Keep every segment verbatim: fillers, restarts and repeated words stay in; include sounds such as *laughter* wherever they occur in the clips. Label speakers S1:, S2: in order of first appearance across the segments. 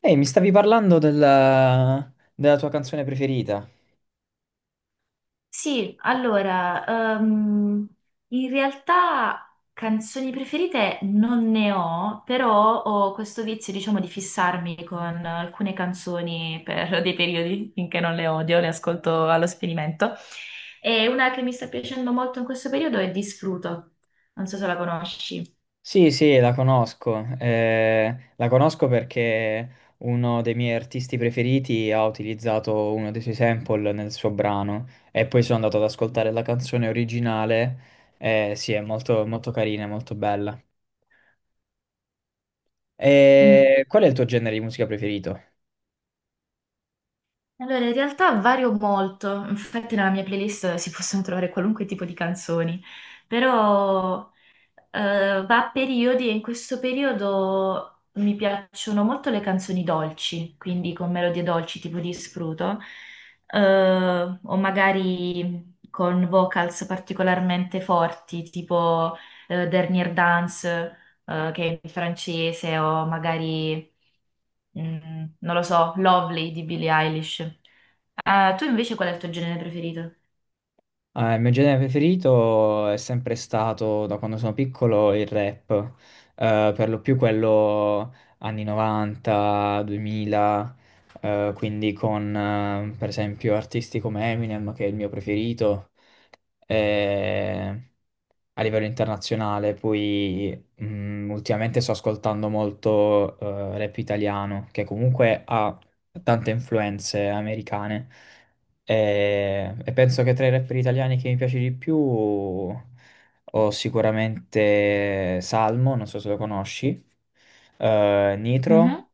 S1: Ehi, mi stavi parlando della, della tua canzone preferita?
S2: Sì, allora, ehm, in realtà canzoni preferite non ne ho, però ho questo vizio, diciamo, di fissarmi con alcune canzoni per dei periodi finché non le odio, le ascolto allo sperimento. E una che mi sta piacendo molto in questo periodo è Disfruto, non so se la conosci.
S1: Sì, sì, la conosco. Eh, la conosco perché uno dei miei artisti preferiti ha utilizzato uno dei suoi sample nel suo brano e poi sono andato ad ascoltare la canzone originale. Eh, sì, è molto, molto carina, molto bella.
S2: Mm.
S1: E qual è il tuo genere di musica preferito?
S2: Allora, in realtà vario molto, infatti nella mia playlist si possono trovare qualunque tipo di canzoni, però... Eh, va a periodi e in questo periodo mi piacciono molto le canzoni dolci, quindi con melodie dolci tipo di Spruto, eh, o magari con vocals particolarmente forti tipo eh, Dernier Dance, eh, che è in francese, o magari, mm, non lo so, Lovely di Billie Eilish. Ah, tu invece qual è il tuo genere preferito?
S1: Ah, il mio genere preferito è sempre stato, da quando sono piccolo, il rap. Eh, per lo più quello anni novanta, duemila, eh, quindi con eh, per esempio artisti come Eminem, che è il mio preferito, eh, a livello internazionale. Poi mm, ultimamente sto ascoltando molto eh, rap italiano, che comunque ha tante influenze americane. E, e penso che tra i rapper italiani che mi piace di più ho sicuramente Salmo, non so se lo conosci, eh, Nitro.
S2: Mhm.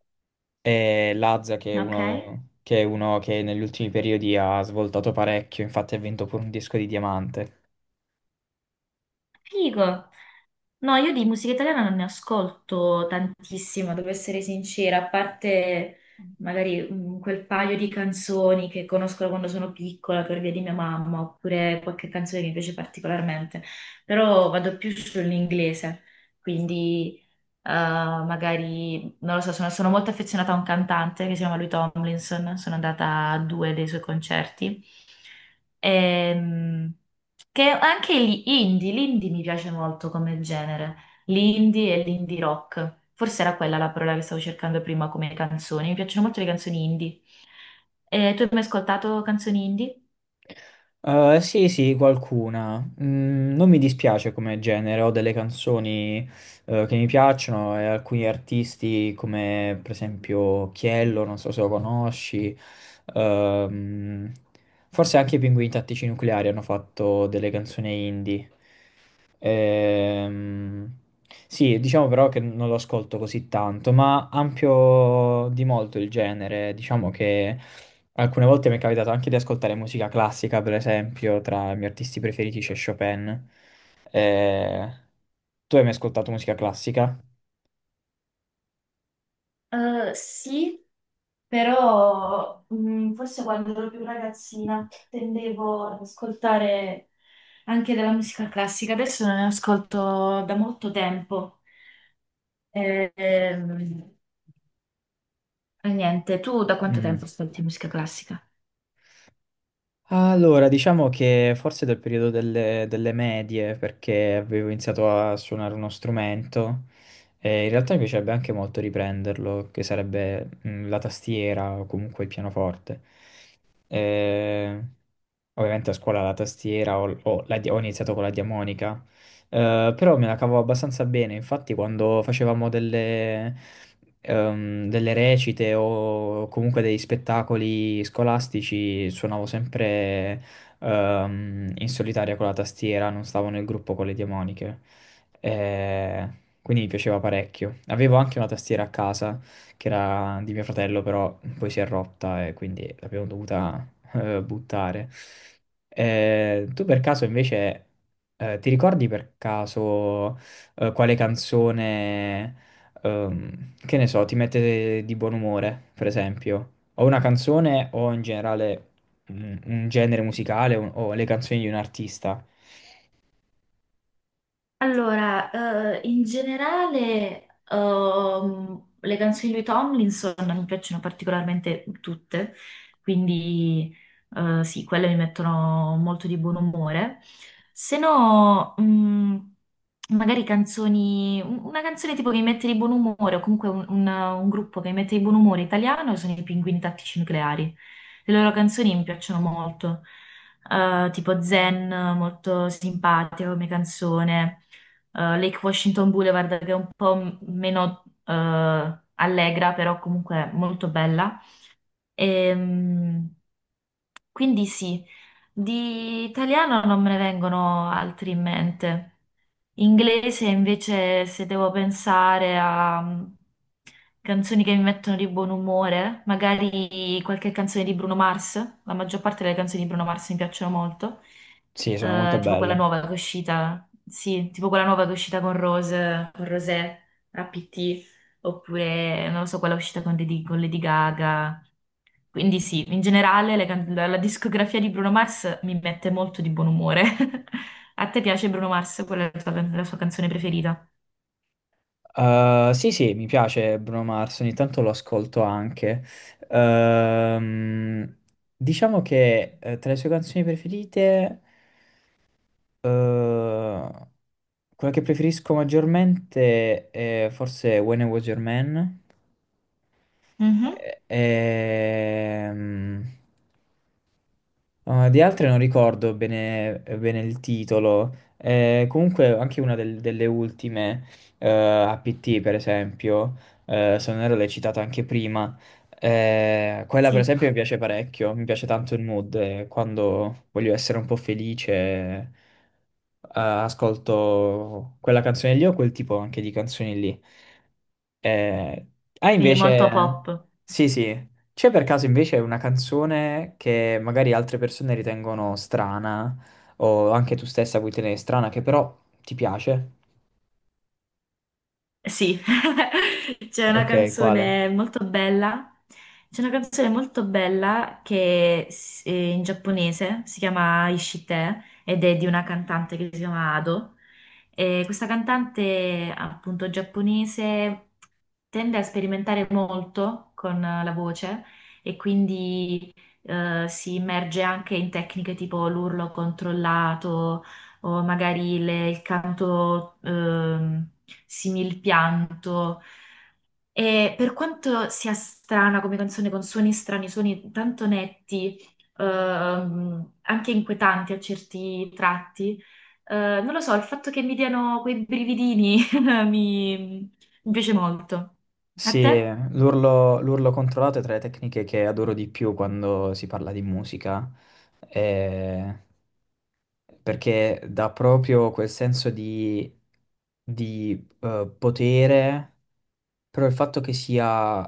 S1: E Lazza, che è
S2: Ok.
S1: uno che, è uno che negli ultimi periodi ha svoltato parecchio, infatti ha vinto pure un disco di diamante.
S2: Figo. No, io di musica italiana non ne ascolto tantissima, devo essere sincera, a parte magari mm, quel paio di canzoni che conosco da quando sono piccola per via di mia mamma, oppure qualche canzone che mi piace particolarmente, però vado più sull'inglese, quindi eh, magari, non lo so, sono, sono molto affezionata a un cantante che si chiama lui Tomlinson, sono andata a due dei suoi concerti. Ehm, che anche gli indie, l'indie mi piace molto come genere, l'indie e l'indie rock. Forse era quella la parola che stavo cercando prima come canzoni. Mi piacciono molto le canzoni indie. E tu hai mai ascoltato canzoni indie?
S1: Eh, sì, sì, qualcuna. Mm, non mi dispiace come genere, ho delle canzoni eh, che mi piacciono e alcuni artisti come per esempio Chiello, non so se lo conosci. ehm, Forse anche i Pinguini Tattici Nucleari hanno fatto delle canzoni indie. Ehm, sì, diciamo però che non lo ascolto così tanto, ma ampio di molto il genere. Diciamo che alcune volte mi è capitato anche di ascoltare musica classica, per esempio, tra i miei artisti preferiti c'è Chopin. Eh, tu hai mai ascoltato musica classica?
S2: Eh, sì, però mm, forse quando ero più ragazzina tendevo ad ascoltare anche della musica classica, adesso non ne ascolto da molto tempo. Eh, ehm, e niente, tu da quanto
S1: Mm.
S2: tempo ascolti musica classica?
S1: Allora, diciamo che forse dal periodo delle, delle medie, perché avevo iniziato a suonare uno strumento, e in realtà mi piacerebbe anche molto riprenderlo, che sarebbe mm, la tastiera o comunque il pianoforte. Eh, ovviamente a scuola la tastiera ho, ho la di- ho iniziato con la diamonica. Eh, però me la cavo abbastanza bene. Infatti, quando facevamo delle, ehm, delle recite o comunque dei spettacoli scolastici, suonavo sempre ehm, in solitaria con la tastiera, non stavo nel gruppo con le diamoniche. Eh, quindi mi piaceva parecchio. Avevo anche una tastiera a casa che era di mio fratello, però poi si è rotta e quindi l'abbiamo dovuta eh, buttare. Eh, tu per caso invece eh, ti ricordi per caso eh, quale canzone, ehm, che ne so, ti mette di buon umore, per esempio? O una canzone o in generale un, un genere musicale o o le canzoni di un artista?
S2: Allora, eh, in generale, ehm, le canzoni di Tomlinson mi piacciono particolarmente tutte, quindi eh, sì, quelle mi mettono molto di buon umore. Se no, mh, magari canzoni, un- una canzone tipo che mi mette di buon umore, o comunque un, un- un gruppo che mi mette di buon umore italiano sono i Pinguini Tattici Nucleari. Le loro canzoni mi piacciono molto, eh, tipo Zen, molto simpatica come canzone, eh, Lake Washington Boulevard che è un po' m- meno eh, allegra, però comunque molto bella. Ehm, quindi sì, di italiano non me ne vengono altri in mente. Inglese invece se devo pensare a mm, canzoni che mi mettono di buon umore, magari qualche canzone di Bruno Mars, la maggior parte delle canzoni di Bruno Mars mi piacciono molto.
S1: Sì, sono molto
S2: Eh, tipo quella
S1: belle.
S2: nuova che è uscita, sì, tipo quella nuova che è uscita con Rose, con Rosé, A P T, oppure non lo so, quella uscita con, Lady- con Lady Gaga. Quindi sì, in generale le can- la, la discografia di Bruno Mars mi mette molto di buon umore. *laughs* A te piace Bruno Mars? Qual è la tua can- la sua canzone preferita?
S1: Uh, sì, sì, mi piace Bruno Mars, ogni tanto lo ascolto anche. Ehm, diciamo che eh, tra le sue canzoni preferite Eh, quella che preferisco maggiormente è forse When I Was Your Man.
S2: Mhm.
S1: E- ehm, Ah, di altre non ricordo bene, bene il titolo. Eh, comunque anche una del- delle ultime, eh, A P T per esempio, eh, se non ero l'hai citata anche prima, eh, quella per
S2: Sì,
S1: esempio mi piace parecchio, mi piace tanto il mood, eh, quando voglio essere un po' felice, eh, ascolto quella canzone lì o quel tipo anche di canzoni lì. Eh, ah,
S2: quindi molto
S1: invece,
S2: pop.
S1: sì, sì, c'è per caso invece una canzone che magari altre persone ritengono strana, o anche tu stessa puoi tenere strana, che però ti piace?
S2: Sì, *laughs* c'è una
S1: Ok, quale?
S2: canzone molto bella, c'è una canzone molto bella che s- è in giapponese, si chiama Ishite ed è di una cantante che si chiama Ado. E questa cantante, appunto, giapponese tende a sperimentare molto con eh, la voce e quindi eh, si immerge anche in tecniche tipo l'urlo controllato o magari le- il canto ehm, simil pianto. E per quanto sia strana come canzone, con suoni strani, suoni tanto netti, ehm, anche inquietanti a certi tratti, eh, non lo so, il fatto che mi diano quei brividini *laughs* mi mi piace molto. A
S1: Sì,
S2: te?
S1: l'urlo l'urlo controllato è tra le tecniche che adoro di più quando si parla di musica, eh, perché dà proprio quel senso di, di eh, potere. Però il fatto che sia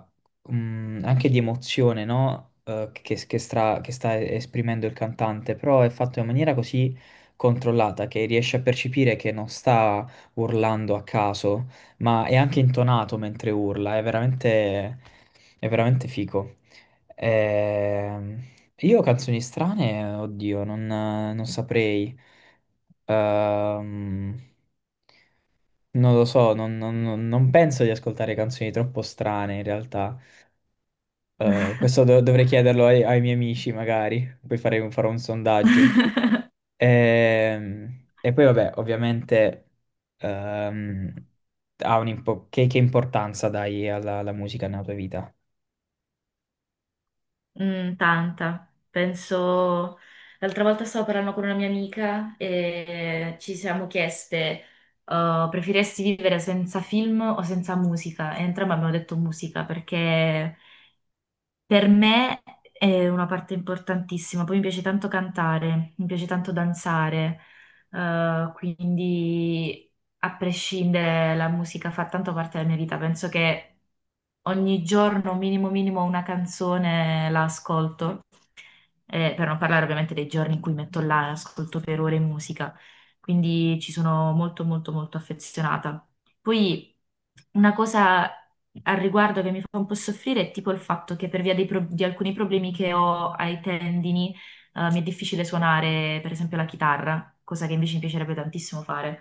S1: mm, anche di emozione, no? Eh, che, che stra- che sta esprimendo il cantante, però è fatto in maniera così controllata che riesce a percepire che non sta urlando a caso, ma è anche intonato mentre urla, è veramente, è veramente figo. Ehm, io canzoni strane, oddio, non, non saprei. Ehm, Non lo so, non, non- non- non penso di ascoltare canzoni troppo strane in realtà. Eh, questo do- dovrei chiederlo ai, ai miei amici magari, poi farei un- farò un sondaggio. Ehm, E, poi vabbè, ovviamente ehm, ha un impo- che, che importanza dai alla, alla musica nella tua vita?
S2: Mm, tanta. Penso, l'altra volta stavo parlando con una mia amica e ci siamo chieste, uh, preferiresti vivere senza film o senza musica? E entrambe abbiamo detto musica perché per me è una parte importantissima, poi mi piace tanto cantare, mi piace tanto danzare, eh, quindi a prescindere la musica fa tanto parte della mia vita, penso che ogni giorno minimo minimo una canzone la ascolto, eh, per non parlare ovviamente dei giorni in cui metto là e ascolto per ore musica, quindi ci sono molto molto molto affezionata. Poi una cosa al riguardo che mi fa un po' soffrire è tipo il fatto che per via dei pro- di alcuni problemi che ho ai tendini, eh, mi è difficile suonare per esempio la chitarra, cosa che invece mi piacerebbe tantissimo fare.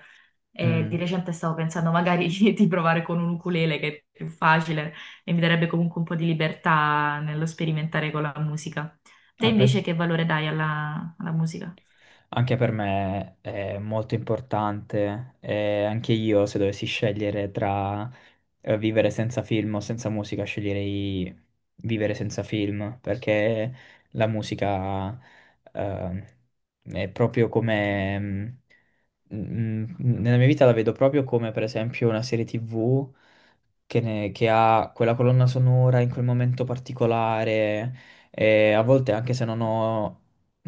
S2: E di
S1: Mm.
S2: recente stavo pensando magari *laughs* di, di provare con un ukulele che è più facile e mi darebbe comunque un po' di libertà nello sperimentare con la musica. Te
S1: Ah, beh.
S2: invece che valore dai alla alla musica?
S1: Anche per me è molto importante, e anche io se dovessi scegliere tra eh, vivere senza film o senza musica, sceglierei vivere senza film, perché la musica eh, è proprio come... mm, mm, nella mia vita la vedo proprio come per esempio una serie T V che, ne- che ha quella colonna sonora in quel momento particolare e a volte anche se non ho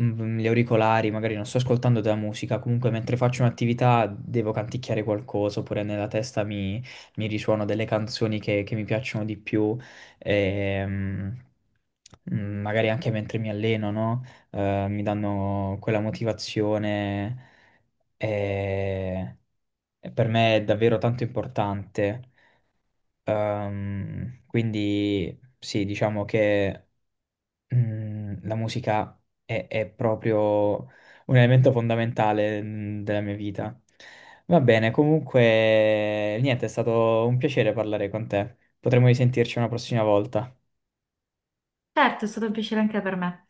S1: mm, gli auricolari, magari non sto ascoltando della musica, comunque mentre faccio un'attività devo canticchiare qualcosa oppure nella testa mi, mi risuono delle canzoni che, che mi piacciono di più. ehm, mm, Magari anche mentre mi alleno, no? Eh, mi danno quella motivazione e e per me è davvero tanto importante. Ehm, quindi sì, diciamo che mm, la musica è, è proprio un elemento fondamentale mm, della mia vita. Va bene, comunque niente, è stato un piacere parlare con te. Potremmo risentirci una prossima volta.
S2: Certo, è stato un piacere anche per me.